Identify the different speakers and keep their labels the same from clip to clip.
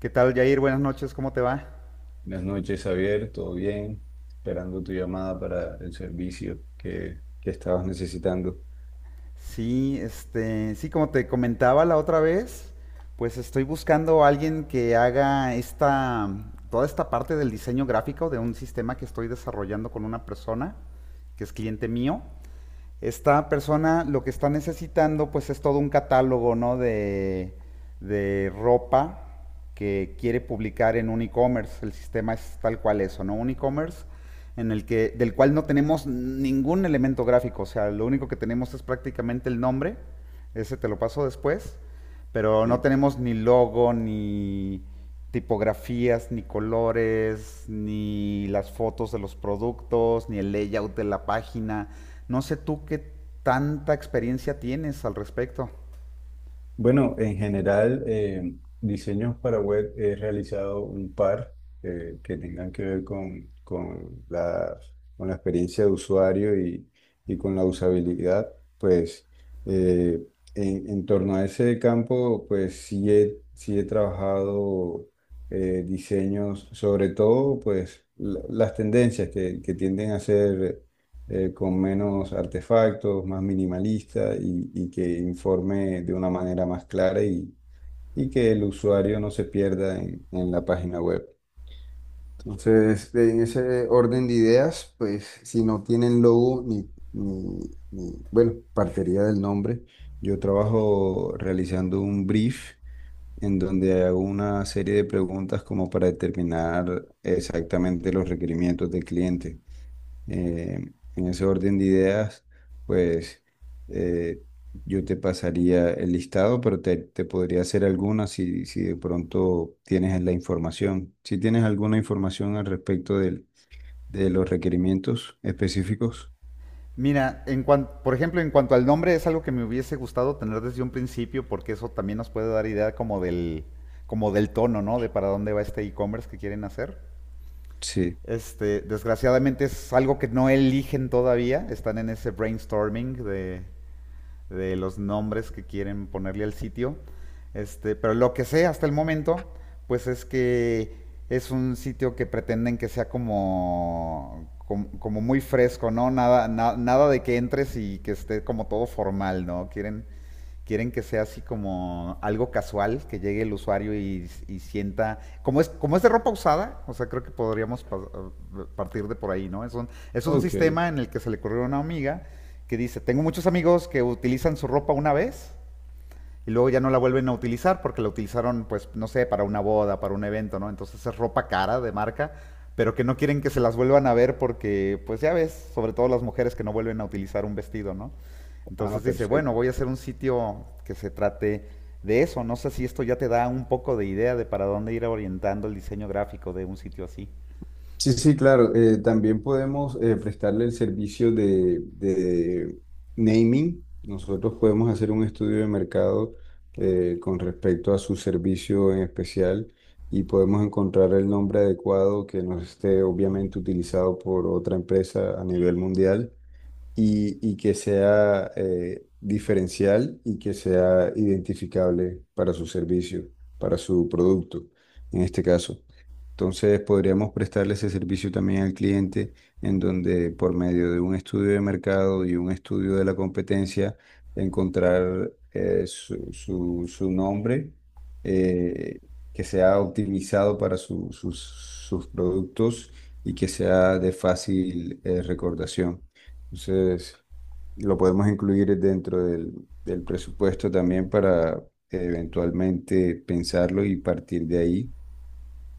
Speaker 1: ¿Qué tal, Jair? Buenas noches, ¿cómo te va?
Speaker 2: Buenas noches, Javier, ¿todo bien? Esperando tu llamada para el servicio que estabas necesitando.
Speaker 1: Sí, sí, como te comentaba la otra vez, pues estoy buscando a alguien que haga toda esta parte del diseño gráfico de un sistema que estoy desarrollando con una persona que es cliente mío. Esta persona lo que está necesitando pues es todo un catálogo, ¿no? De ropa que quiere publicar en un e-commerce. El sistema es tal cual eso, ¿no? Un e-commerce en el que, del cual no tenemos ningún elemento gráfico. O sea, lo único que tenemos es prácticamente el nombre. Ese te lo paso después. Pero no
Speaker 2: Sí.
Speaker 1: tenemos ni logo, ni tipografías, ni colores, ni las fotos de los productos, ni el layout de la página. No sé tú qué tanta experiencia tienes al respecto.
Speaker 2: Bueno, en general, diseños para web he realizado un par que tengan que ver con la experiencia de usuario y con la usabilidad. Pues eh, en torno a ese campo, pues sí he trabajado diseños, sobre todo pues las tendencias que tienden a ser con menos artefactos, más minimalista y que informe de una manera más clara y que el usuario no se pierda en la página web. Entonces, en ese orden de ideas, pues si no tienen logo bueno, partiría del nombre. Yo trabajo realizando un brief en donde hago una serie de preguntas como para determinar exactamente los requerimientos del cliente. Eh, en ese orden de ideas, pues eh, yo te pasaría el listado, pero te podría hacer alguna si de pronto tienes la información. Si tienes alguna información al respecto de los requerimientos específicos,
Speaker 1: Mira, por ejemplo, en cuanto al nombre, es algo que me hubiese gustado tener desde un principio, porque eso también nos puede dar idea como del tono, ¿no? De para dónde va este e-commerce que quieren hacer.
Speaker 2: sí.
Speaker 1: Desgraciadamente es algo que no eligen todavía, están en ese brainstorming de los nombres que quieren ponerle al sitio. Pero lo que sé hasta el momento, pues es que es un sitio que pretenden que sea como muy fresco, ¿no? Nada de que entres y que esté como todo formal, ¿no? Quieren, quieren que sea así como algo casual, que llegue el usuario y sienta, como es de ropa usada, o sea, creo que podríamos partir de por ahí, ¿no? Es un
Speaker 2: Ok.
Speaker 1: sistema en el que se le ocurrió a una amiga que dice, tengo muchos amigos que utilizan su ropa una vez y luego ya no la vuelven a utilizar porque la utilizaron, pues, no sé, para una boda, para un evento, ¿no? Entonces es ropa cara de marca, pero que no quieren que se las vuelvan a ver porque, pues ya ves, sobre todo las mujeres que no vuelven a utilizar un vestido, ¿no?
Speaker 2: Ah,
Speaker 1: Entonces dice, bueno,
Speaker 2: perfecto.
Speaker 1: voy a hacer un sitio que se trate de eso. No sé si esto ya te da un poco de idea de para dónde ir orientando el diseño gráfico de un sitio así.
Speaker 2: Sí, sí, claro. También podemos prestarle el servicio de naming. Nosotros podemos hacer un estudio de mercado con respecto a su servicio en especial y podemos encontrar el nombre adecuado que no esté obviamente utilizado por otra empresa a nivel mundial y que sea diferencial y que sea identificable para su servicio, para su producto, en este caso. Entonces podríamos prestarle ese servicio también al cliente en donde por medio de un estudio de mercado y un estudio de la competencia encontrar su nombre eh, que sea optimizado para sus productos y que sea de fácil recordación. Entonces, lo podemos incluir dentro del presupuesto también para eventualmente pensarlo y partir de ahí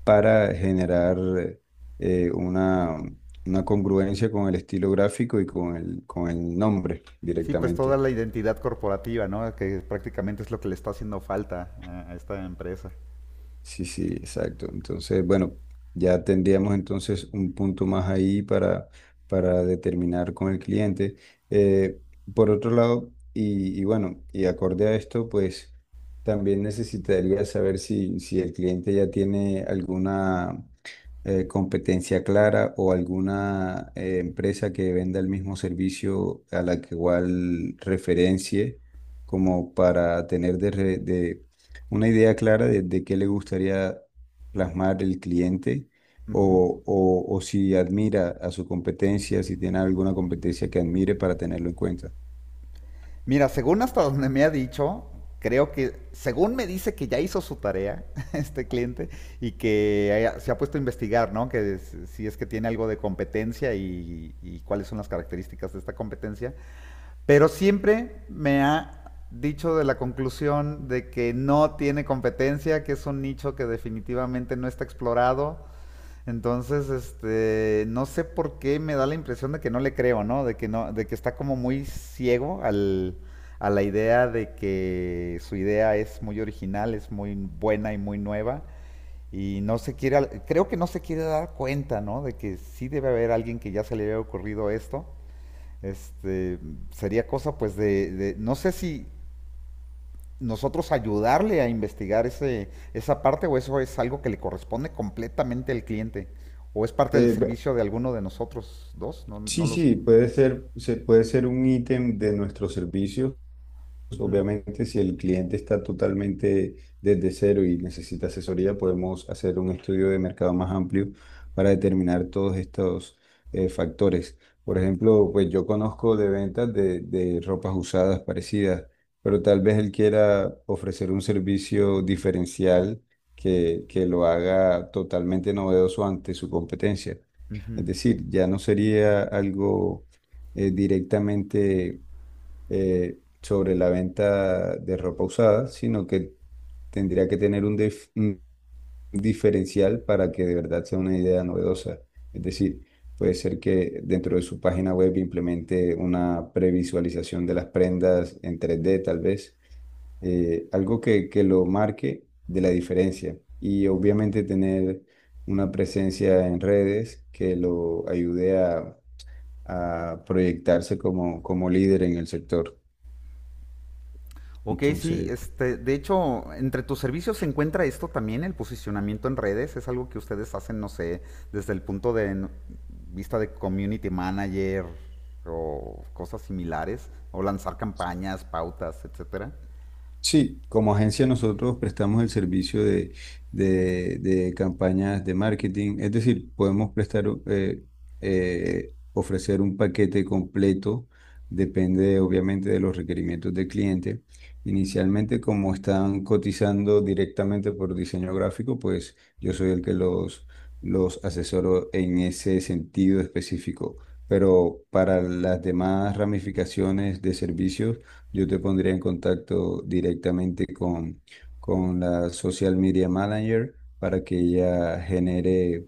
Speaker 2: para generar eh, una, una congruencia con el estilo gráfico y con con el nombre
Speaker 1: Sí, pues toda
Speaker 2: directamente.
Speaker 1: la identidad corporativa, ¿no? Que prácticamente es lo que le está haciendo falta a esta empresa.
Speaker 2: Sí, sí, exacto. Entonces, bueno, ya tendríamos entonces un punto más ahí para determinar con el cliente. Eh, por otro lado, y bueno, y acorde a esto, pues también necesitaría saber si el cliente ya tiene alguna competencia clara o alguna empresa que venda el mismo servicio a la que igual referencie, como para tener de una idea clara de qué le gustaría plasmar el cliente
Speaker 1: Ujú.
Speaker 2: o si admira a su competencia, si tiene alguna competencia que admire para tenerlo en cuenta.
Speaker 1: Mira, según hasta donde me ha dicho, creo que, según me dice que ya hizo su tarea este cliente y se ha puesto a investigar, ¿no? Que si es que tiene algo de competencia y cuáles son las características de esta competencia, pero siempre me ha dicho de la conclusión de que no tiene competencia, que es un nicho que definitivamente no está explorado. Entonces, no sé por qué me da la impresión de que no le creo, ¿no? De que no, de que está como muy ciego al, a la idea de que su idea es muy original, es muy buena y muy nueva. Y no se quiere, creo que no se quiere dar cuenta, ¿no? De que sí debe haber alguien que ya se le haya ocurrido esto. Este, sería cosa pues de, no sé si nosotros ayudarle a investigar ese, esa parte o eso es algo que le corresponde completamente al cliente o es parte del
Speaker 2: Eh, bu-
Speaker 1: servicio de alguno de nosotros dos, no, no
Speaker 2: sí,
Speaker 1: lo sé.
Speaker 2: sí, puede ser, puede ser un ítem de nuestro servicio.
Speaker 1: Ujú,
Speaker 2: Obviamente, si el cliente está totalmente desde cero y necesita asesoría, podemos hacer un estudio de mercado más amplio para determinar todos estos factores. Por ejemplo, pues yo conozco de ventas de ropas usadas parecidas, pero tal vez él quiera ofrecer un servicio diferencial que lo haga totalmente novedoso ante su competencia.
Speaker 1: ujú.
Speaker 2: Es decir, ya no sería algo directamente sobre la venta de ropa usada, sino que tendría que tener un diferencial para que de verdad sea una idea novedosa. Es decir, puede ser que dentro de su página web implemente una previsualización de las prendas en 3D, tal vez algo que lo marque de la diferencia y obviamente tener una presencia en redes que lo ayude a proyectarse como líder en el sector.
Speaker 1: Ok, sí,
Speaker 2: Entonces,
Speaker 1: de hecho, entre tus servicios se encuentra esto también, el posicionamiento en redes, es algo que ustedes hacen, no sé, desde el punto de vista de community manager o cosas similares, o lanzar campañas, pautas, etcétera.
Speaker 2: sí, como agencia nosotros prestamos el servicio de campañas de marketing, es decir, podemos ofrecer un paquete completo, depende obviamente de los requerimientos del cliente. Inicialmente, como están cotizando directamente por diseño gráfico, pues yo soy el que los asesoro en ese sentido específico. Pero para las demás ramificaciones de servicios, yo te pondría en contacto directamente con la Social Media Manager para que ella genere,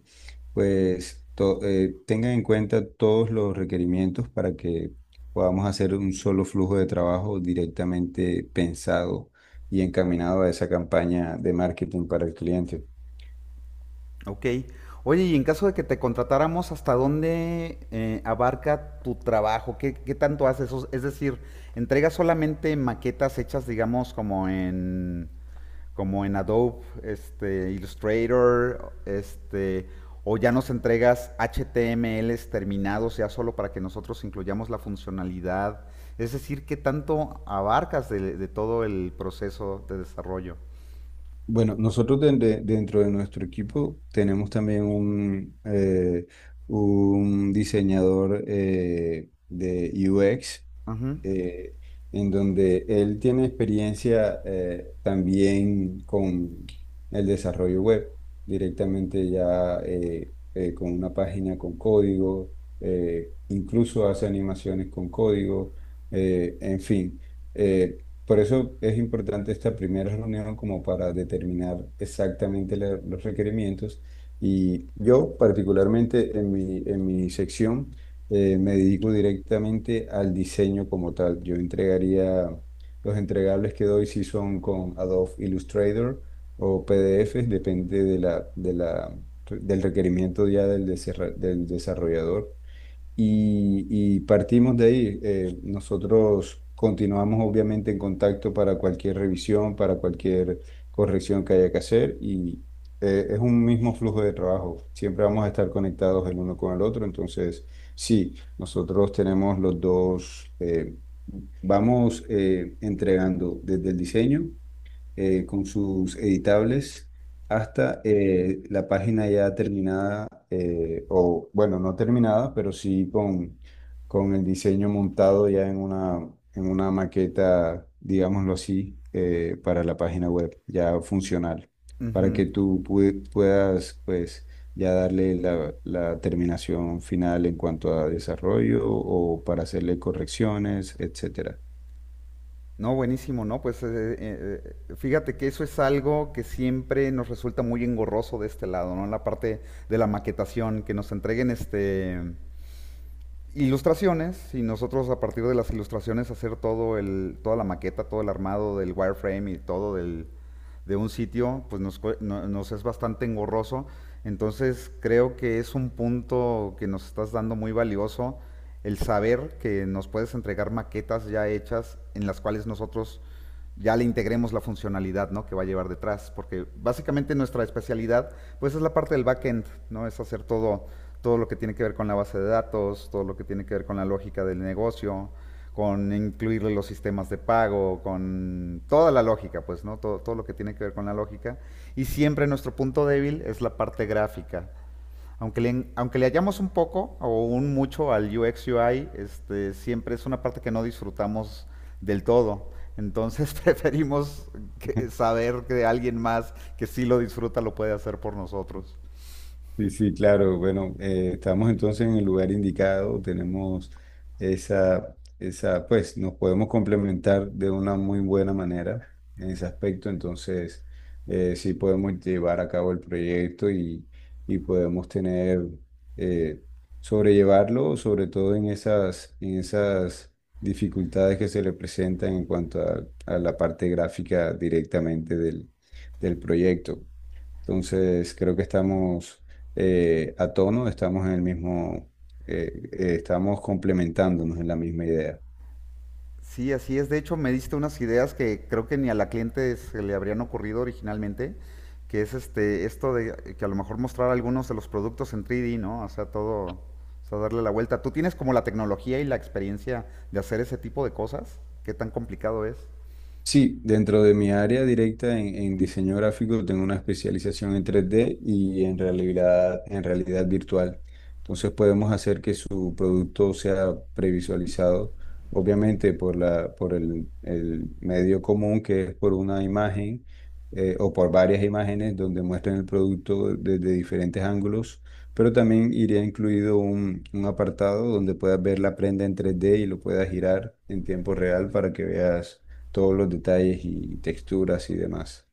Speaker 2: pues, tenga en cuenta todos los requerimientos para que podamos hacer un solo flujo de trabajo directamente pensado y encaminado a esa campaña de marketing para el cliente.
Speaker 1: Ok. Oye, y en caso de que te contratáramos, ¿hasta dónde abarca tu trabajo? ¿Qué, qué tanto haces? Es decir, ¿entregas solamente maquetas hechas, digamos, como en, como en Adobe, Illustrator, o ya nos entregas HTMLs terminados ya solo para que nosotros incluyamos la funcionalidad? Es decir, ¿qué tanto abarcas de todo el proceso de desarrollo?
Speaker 2: Bueno, nosotros dentro de nuestro equipo tenemos también un diseñador de UX
Speaker 1: Ujú,
Speaker 2: eh, en donde él tiene experiencia también con el desarrollo web, directamente ya con una página con código, incluso hace animaciones con código, en fin. Por eso es importante esta primera reunión como para determinar exactamente los requerimientos. Y yo particularmente en mi sección, me dedico directamente al diseño como tal. Yo entregaría, los entregables que doy si son con Adobe Illustrator o PDFs, depende del requerimiento ya del desarrollador. Y partimos de ahí. Nosotros continuamos obviamente en contacto para cualquier revisión, para cualquier corrección que haya que hacer y es un mismo flujo de trabajo. Siempre vamos a estar conectados el uno con el otro. Entonces, sí, nosotros tenemos los dos, vamos entregando desde el diseño con sus editables hasta la página ya terminada, o bueno, no terminada, pero con el diseño montado ya en una maqueta, digámoslo así, para la página web, ya funcional, para
Speaker 1: ujú.
Speaker 2: que puedas, pues, ya darle la terminación final en cuanto a desarrollo o para hacerle correcciones, etcétera.
Speaker 1: No, buenísimo, ¿no? Pues fíjate que eso es algo que siempre nos resulta muy engorroso de este lado, ¿no? La parte de la maquetación, que nos entreguen este ilustraciones y nosotros a partir de las ilustraciones hacer todo el, toda la maqueta, todo el armado del wireframe y todo del, de un sitio, pues nos, nos es bastante engorroso. Entonces creo que es un punto que nos estás dando muy valioso, el saber que nos puedes entregar maquetas ya hechas en las cuales nosotros ya le integremos la funcionalidad, ¿no?, que va a llevar detrás, porque básicamente nuestra especialidad pues es la parte del backend, ¿no? Es hacer todo, todo lo que tiene que ver con la base de datos, todo lo que tiene que ver con la lógica del negocio, con incluirle los sistemas de pago, con toda la lógica, pues, ¿no? Todo, todo lo que tiene que ver con la lógica. Y siempre nuestro punto débil es la parte gráfica. Aunque le hallamos un poco o un mucho al UX UI, siempre es una parte que no disfrutamos del todo. Entonces preferimos saber que alguien más que sí lo disfruta lo puede hacer por nosotros.
Speaker 2: Sí, sí, claro. Bueno, estamos entonces en el lugar indicado, tenemos pues nos podemos complementar de una muy buena manera en ese aspecto, entonces sí podemos llevar a cabo el proyecto y podemos eh, sobrellevarlo, sobre todo en esas dificultades que se le presentan en cuanto a la parte gráfica directamente del proyecto. Entonces, creo que estamos a tono, estamos en el mismo, estamos complementándonos en la misma idea.
Speaker 1: Sí, así es. De hecho, me diste unas ideas que creo que ni a la cliente se le habrían ocurrido originalmente, que es esto de que a lo mejor mostrar algunos de los productos en 3D, ¿no? O sea, todo, o sea, darle la vuelta. ¿Tú tienes como la tecnología y la experiencia de hacer ese tipo de cosas? ¿Qué tan complicado es?
Speaker 2: Sí, dentro de mi área directa en diseño gráfico tengo una especialización en 3D y en realidad virtual. Entonces podemos hacer que su producto sea previsualizado, obviamente por la, por el medio común que es por una imagen o por varias imágenes donde muestren el producto desde diferentes ángulos, pero también iría incluido un apartado donde puedas ver la prenda en 3D y lo puedas girar en tiempo real para que veas todos los detalles y texturas y demás.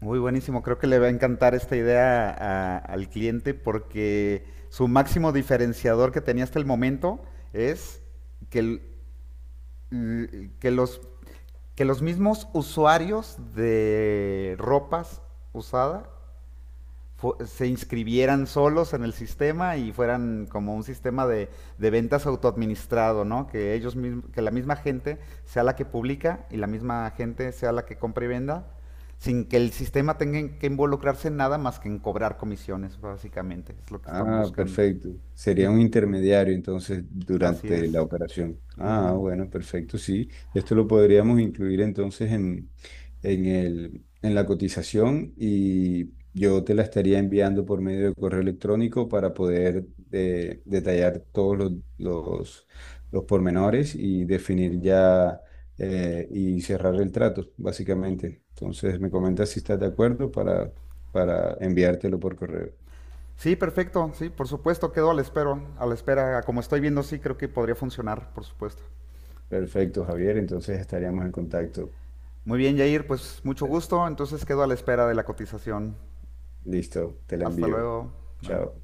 Speaker 1: Muy buenísimo, creo que le va a encantar esta idea al cliente porque su máximo diferenciador que tenía hasta el momento es que, l- que los que los mismos usuarios de ropas usada se inscribieran solos en el sistema y fueran como un sistema de ventas autoadministrado, ¿no? Que ellos mismos, que la misma gente sea la que publica y la misma gente sea la que compra y venda, sin que el sistema tenga que involucrarse en nada más que en cobrar comisiones, básicamente, es lo que están
Speaker 2: Ah,
Speaker 1: buscando.
Speaker 2: perfecto. Sería un
Speaker 1: Ujú.
Speaker 2: intermediario entonces
Speaker 1: Así
Speaker 2: durante la
Speaker 1: es.
Speaker 2: operación. Ah,
Speaker 1: Ujú.
Speaker 2: bueno, perfecto, sí. Esto lo podríamos incluir entonces en la cotización y yo te la estaría enviando por medio de correo electrónico para poder detallar todos los, los pormenores y definir ya y cerrar el trato, básicamente. Entonces me comentas si estás de acuerdo para enviártelo por correo.
Speaker 1: Sí, perfecto, sí, por supuesto, quedo a la espera, como estoy viendo, sí, creo que podría funcionar, por supuesto.
Speaker 2: Perfecto, Javier. Entonces estaríamos en contacto.
Speaker 1: Muy bien, Jair, pues mucho gusto, entonces quedo a la espera de la cotización.
Speaker 2: Listo, te la
Speaker 1: Hasta
Speaker 2: envío.
Speaker 1: luego. Bye.
Speaker 2: Chao.